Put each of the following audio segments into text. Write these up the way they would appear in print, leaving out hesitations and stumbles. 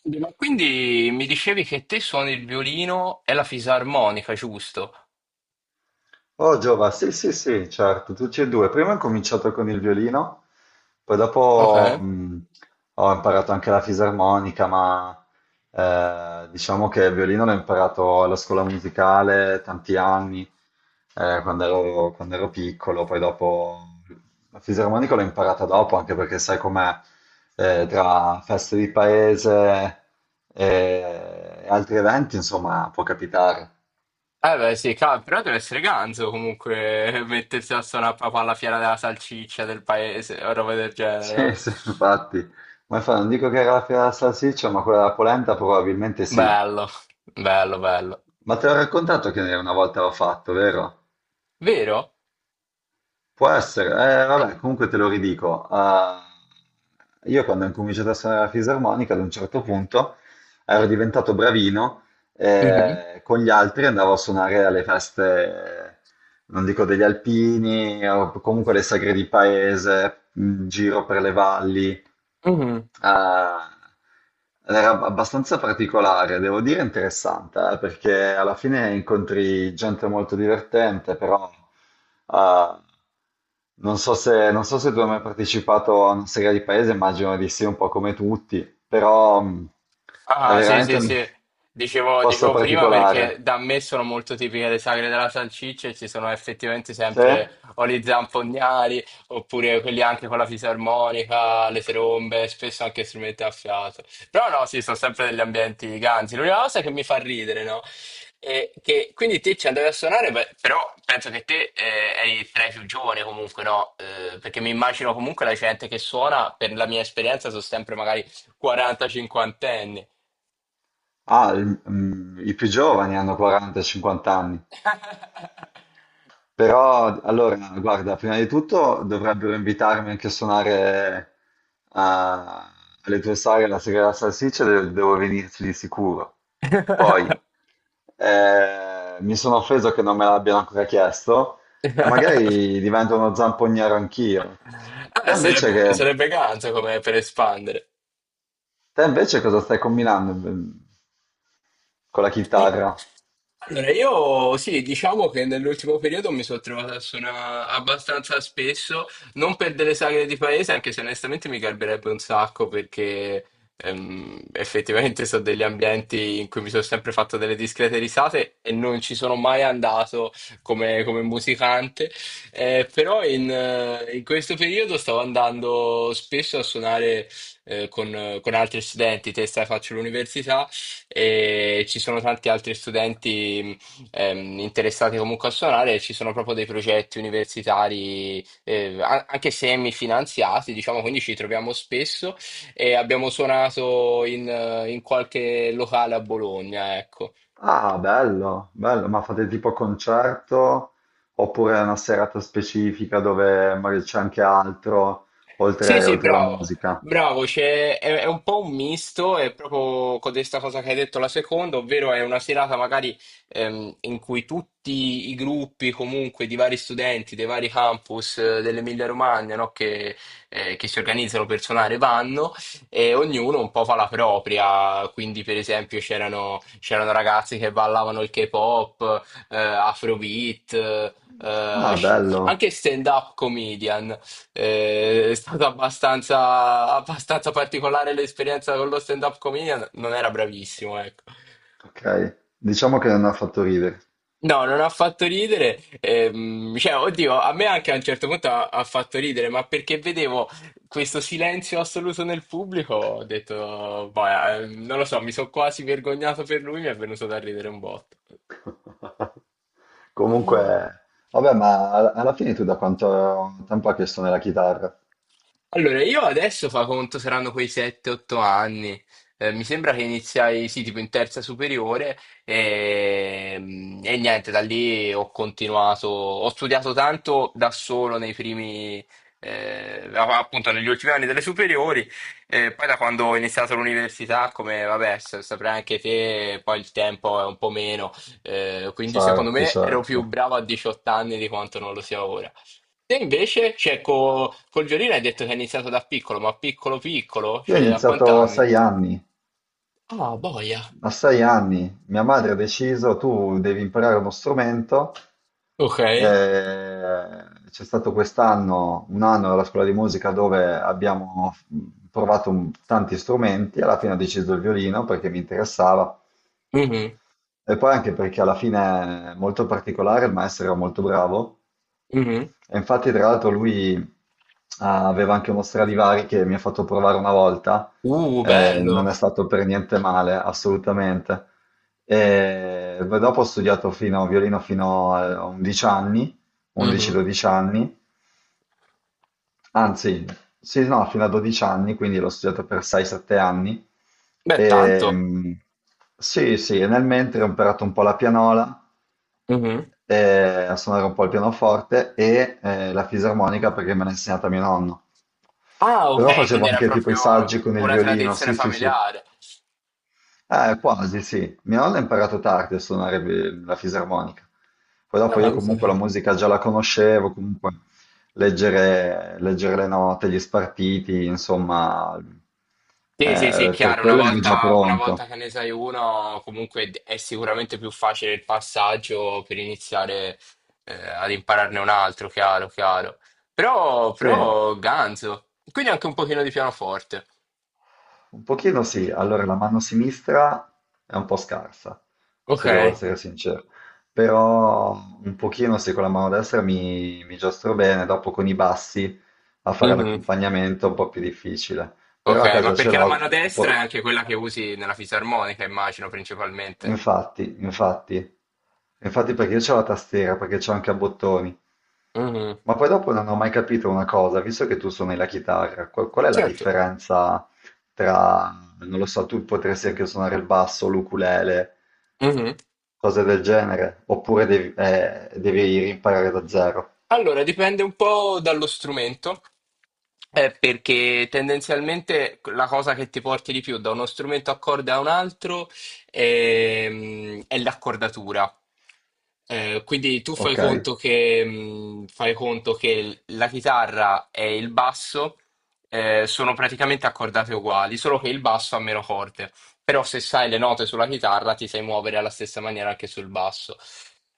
Sì, ma quindi mi dicevi che te suoni il violino e la fisarmonica, giusto? Oh Giova, sì sì sì, certo, tutti e due. Prima ho cominciato con il violino, poi dopo Ok. Ho imparato anche la fisarmonica, ma diciamo che il violino l'ho imparato alla scuola musicale tanti anni, quando ero piccolo, poi dopo la fisarmonica l'ho imparata dopo, anche perché sai com'è, tra feste di paese e altri eventi, insomma, può capitare. Eh beh, sì, cavolo, però deve essere ganzo comunque mettersi a suonare proprio alla fiera della salsiccia del paese o roba del genere, Sì, no? sì, infatti. Ma non dico che era la fiera della salsiccia, ma quella della polenta probabilmente sì. Bello, bello, bello. Ma te l'ho raccontato che una volta l'ho fatto, vero? Vero? Può essere. Vabbè, comunque te lo ridico. Ah, io quando ho incominciato a suonare la fisarmonica, ad un certo punto ero diventato bravino Mhm. e con gli altri andavo a suonare alle feste, non dico degli alpini, o comunque alle sagre di paese, in giro per le valli. Mhm. Ah, era abbastanza particolare, devo dire interessante, perché alla fine incontri gente molto divertente, però ah, non so se tu hai mai partecipato a una serie di paese, immagino di sì, un po' come tutti, però è Ah, sì, veramente sì, un sì. Dicevo, posto dicevo prima perché particolare. da me sono molto tipiche le sagre della salsiccia e ci sono effettivamente Se? sempre o gli zampognari oppure quelli anche con la fisarmonica, le trombe, spesso anche strumenti a fiato. Però no, sì, sono sempre degli ambienti ganzi. L'unica cosa che mi fa ridere, no? È che quindi te ci andavi a suonare, beh, però penso che te eri tra i più giovani comunque, no? Perché mi immagino comunque la gente che suona, per la mia esperienza, sono sempre magari 40-50 anni. Ah, i più giovani hanno 40-50 anni. Però, allora, guarda, prima di tutto dovrebbero invitarmi anche a suonare a- alle tue sagre la sera della salsiccia, devo venirci di sicuro. Poi, mi sono offeso che non me l'abbiano ancora chiesto, e magari divento uno zampogniero anch'io. Te invece sarebbe, che. sarebbe ganza come per espandere. Te invece cosa stai combinando con la E- chitarra? Allora, io sì, diciamo che nell'ultimo periodo mi sono trovato a suonare abbastanza spesso, non per delle sagre di paese, anche se onestamente mi garberebbe un sacco perché effettivamente sono degli ambienti in cui mi sono sempre fatto delle discrete risate e non ci sono mai andato come, come musicante. Però in questo periodo stavo andando spesso a suonare con altri studenti, testa faccio l'università e ci sono tanti altri studenti interessati comunque a suonare, e ci sono proprio dei progetti universitari, anche semifinanziati, diciamo, quindi ci troviamo spesso e abbiamo suonato in qualche locale a Bologna, ecco. Ah, bello, bello, ma fate tipo concerto oppure è una serata specifica dove magari c'è anche altro Sì, sì, oltre la bravo, musica? bravo, è un po' un misto, è proprio con questa cosa che hai detto la seconda, ovvero è una serata magari in cui tutti i gruppi comunque di vari studenti, dei vari campus dell'Emilia Romagna, no, che si organizzano per suonare vanno e ognuno un po' fa la propria, quindi per esempio c'erano ragazzi che ballavano il K-pop, Afrobeat, eh, Ah, bello, anche stand-up comedian. È stata abbastanza particolare l'esperienza con lo stand-up comedian, non era bravissimo, ecco. ok, diciamo che non ha fatto ridere. No, non ha fatto ridere, cioè, oddio, a me anche a un certo punto ha fatto ridere, ma perché vedevo questo silenzio assoluto nel pubblico, ho detto, boh, non lo so, mi sono quasi vergognato per lui, mi è venuto da ridere un botto. Comunque, vabbè, ma alla fine tu da quanto tempo hai che suoni la chitarra? Allora, io adesso fa conto saranno quei 7-8 anni. Mi sembra che iniziai, sì, tipo in terza superiore e, e niente, da lì ho continuato, ho studiato tanto da solo nei primi, appunto negli ultimi anni delle superiori, e poi da quando ho iniziato l'università, come vabbè, saprai anche te, poi il tempo è un po' meno, quindi secondo Certo, me ero più certo. bravo a 18 anni di quanto non lo sia ora. Te invece, cioè, col violino hai detto che hai iniziato da piccolo, ma piccolo piccolo? Io ho Cioè, a iniziato a quant'anni? 6 anni. Ah, boia. A sei anni mia madre ha deciso, tu devi imparare uno strumento. Ok. C'è stato quest'anno un anno alla scuola di musica dove abbiamo provato tanti strumenti, alla fine ho deciso il violino perché mi interessava Mhm, e poi anche perché alla fine è molto particolare, il maestro era molto bravo mhm. e infatti, tra l'altro, lui aveva anche uno Stradivari che mi ha fatto provare una volta, non Bello. è stato per niente male, assolutamente. E poi dopo ho studiato fino, violino fino a 11 anni, Mhm. 11-12 anni, anzi, sì, no, fino a 12 anni, quindi l'ho studiato per 6-7 anni. Beh, E, tanto. mm, sì, sì, e nel mentre ho imparato un po' la pianola, Mhm. A suonare un po' il pianoforte e la fisarmonica perché me l'ha insegnata mio nonno. Ah, Però ok, facevo, quindi ok, era anche tipo i proprio saggi con il una violino, tradizione sì, sì, sì. familiare. Quasi, sì. Mio nonno ha imparato tardi a suonare la fisarmonica. Poi Ah, dopo ma io comunque la cos'è? musica già la conoscevo, comunque leggere le note, gli spartiti, insomma, Sì, sì, sì, per chiaro, quello ero già una volta pronto. che ne sai uno, comunque è sicuramente più facile il passaggio per iniziare ad impararne un altro, chiaro, chiaro. Però, Sì. però, ganzo. Quindi anche un pochino di pianoforte. Un pochino sì, allora la mano sinistra è un po' scarsa, Ok. se devo essere sincero, però un pochino sì, con la mano destra mi giostro bene, dopo con i bassi a fare Mhm. l'accompagnamento è un po' più difficile, Ok, però a ma casa ce perché la l'ho, mano destra è anche quella che usi nella fisarmonica, immagino, principalmente. infatti, infatti, infatti perché io c'ho la tastiera, perché c'ho anche a bottoni. Mhm. Ma poi dopo non ho mai capito una cosa, visto che tu suoni la chitarra, qual è la Certo. differenza tra, non lo so, tu potresti anche suonare il basso, l'ukulele, Mhm. cose del genere, oppure devi imparare da zero. Allora, dipende un po' dallo strumento, perché tendenzialmente la cosa che ti porti di più da uno strumento a corde a un altro è l'accordatura. Quindi tu Ok, fai conto che la chitarra e il basso sono praticamente accordate uguali, solo che il basso ha meno corde però se sai le note sulla chitarra ti sai muovere alla stessa maniera anche sul basso.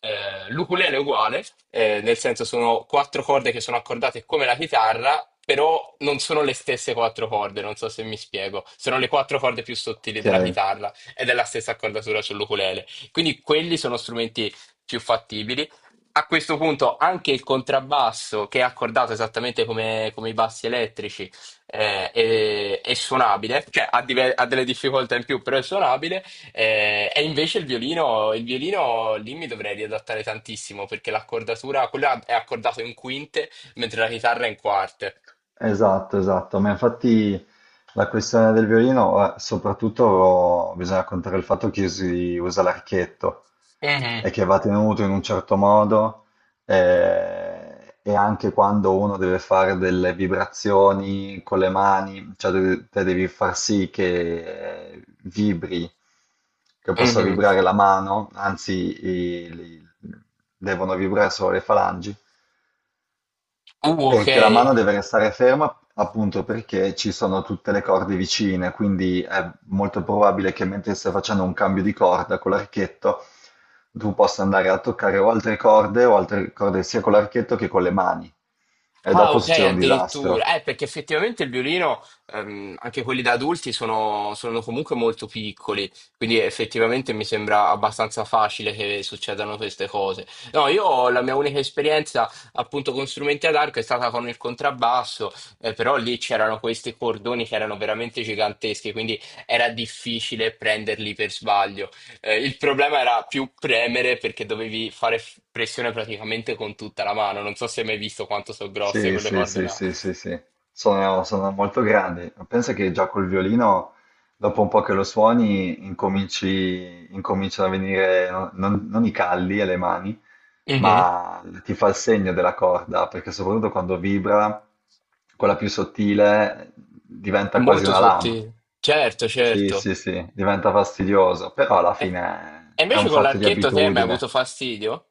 L'ukulele è uguale, nel senso sono quattro corde che sono accordate come la chitarra, però non sono le stesse quattro corde, non so se mi spiego, sono le quattro corde più sottili ok. della chitarra ed è la stessa accordatura sull'ukulele. Quindi quelli sono strumenti più fattibili. A questo punto anche il contrabbasso, che è accordato esattamente come, come i bassi elettrici, è suonabile, cioè ha delle difficoltà in più, però è suonabile. Eh, e invece il violino lì mi dovrei riadattare tantissimo perché l'accordatura, quella è accordato in quinte, mentre la chitarra è in quarte. Esatto, esatto, ma infatti la questione del violino, soprattutto bisogna contare il fatto che si usa l'archetto Mhm. e che va tenuto in un certo modo e anche quando uno deve fare delle vibrazioni con le mani, cioè te devi far sì che vibri, che possa Mhm. vibrare la mano, anzi i- li- devono vibrare solo le falangi Ok, perché la mano deve restare ferma appunto perché ci sono tutte le corde vicine, quindi è molto probabile che mentre stai facendo un cambio di corda con l'archetto, tu possa andare a toccare o altre corde sia con l'archetto che con le mani. E ah, dopo ok, succede un disastro. addirittura. Perché effettivamente il violino, anche quelli da adulti, sono, sono comunque molto piccoli, quindi effettivamente mi sembra abbastanza facile che succedano queste cose. No, io la mia unica esperienza appunto con strumenti ad arco è stata con il contrabbasso, però lì c'erano questi cordoni che erano veramente giganteschi, quindi era difficile prenderli per sbaglio. Il problema era più premere perché dovevi fare pressione praticamente con tutta la mano. Non so se hai mai visto quanto sono grosse Sì, quelle sì, corde sì, là. sì, sì, sì. Sono molto grandi. Pensa che già col violino, dopo un po' che lo suoni, incominciano a venire non i calli alle mani, Mhm. ma ti fa il segno della corda, perché soprattutto quando vibra, quella più sottile È diventa quasi molto una lama. sottile. Certo, Sì, certo. sì, sì, diventa fastidioso, però alla E, fine e è un invece con fatto di l'archetto te mi hai avuto abitudine. fastidio?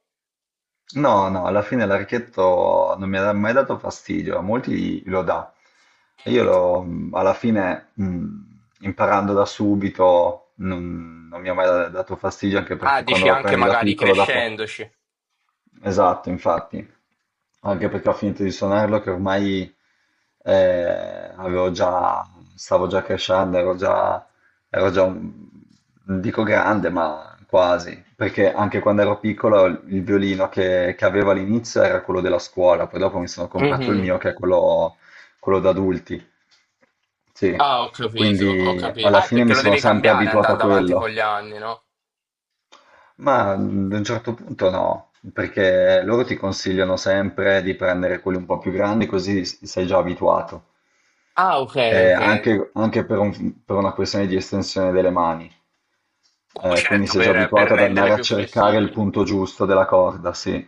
No, no, alla fine l'archetto non mi ha mai dato fastidio, a molti lo dà. E io l'ho, alla fine, imparando da subito, non mi ha mai dato fastidio, anche Ah, perché quando dici lo anche prendi da magari piccolo, dopo. crescendoci. Esatto, infatti anche perché ho finito di suonarlo che ormai avevo già, stavo già crescendo, ero già non dico grande, ma quasi, perché anche quando ero piccolo il violino che avevo all'inizio era quello della scuola, poi dopo mi sono comprato il Mhm. mio che è quello, quello da adulti, sì, Ah, ho capito, ho quindi capito. alla Ah, è fine perché mi lo sono devi sempre cambiare abituato a andando avanti con quello. gli anni, no? Ma ad un certo punto no, perché loro ti consigliano sempre di prendere quelli un po' più grandi, così sei già abituato. Ah, ok, Eh, ok. anche anche per una questione di estensione delle mani. Quindi Certo, sei già per abituato ad renderle andare a più cercare il flessibili. punto giusto della corda, sì.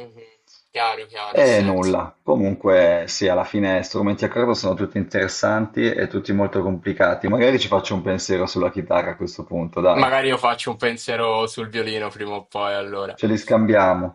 Mhm. Chiaro, chiaro, ha E senso. nulla. Comunque, sì, alla fine strumenti a corda sono tutti interessanti e tutti molto complicati. Magari ci faccio un pensiero sulla chitarra a questo punto, dai. Magari io faccio un pensiero sul violino prima o poi, allora. Ce li scambiamo.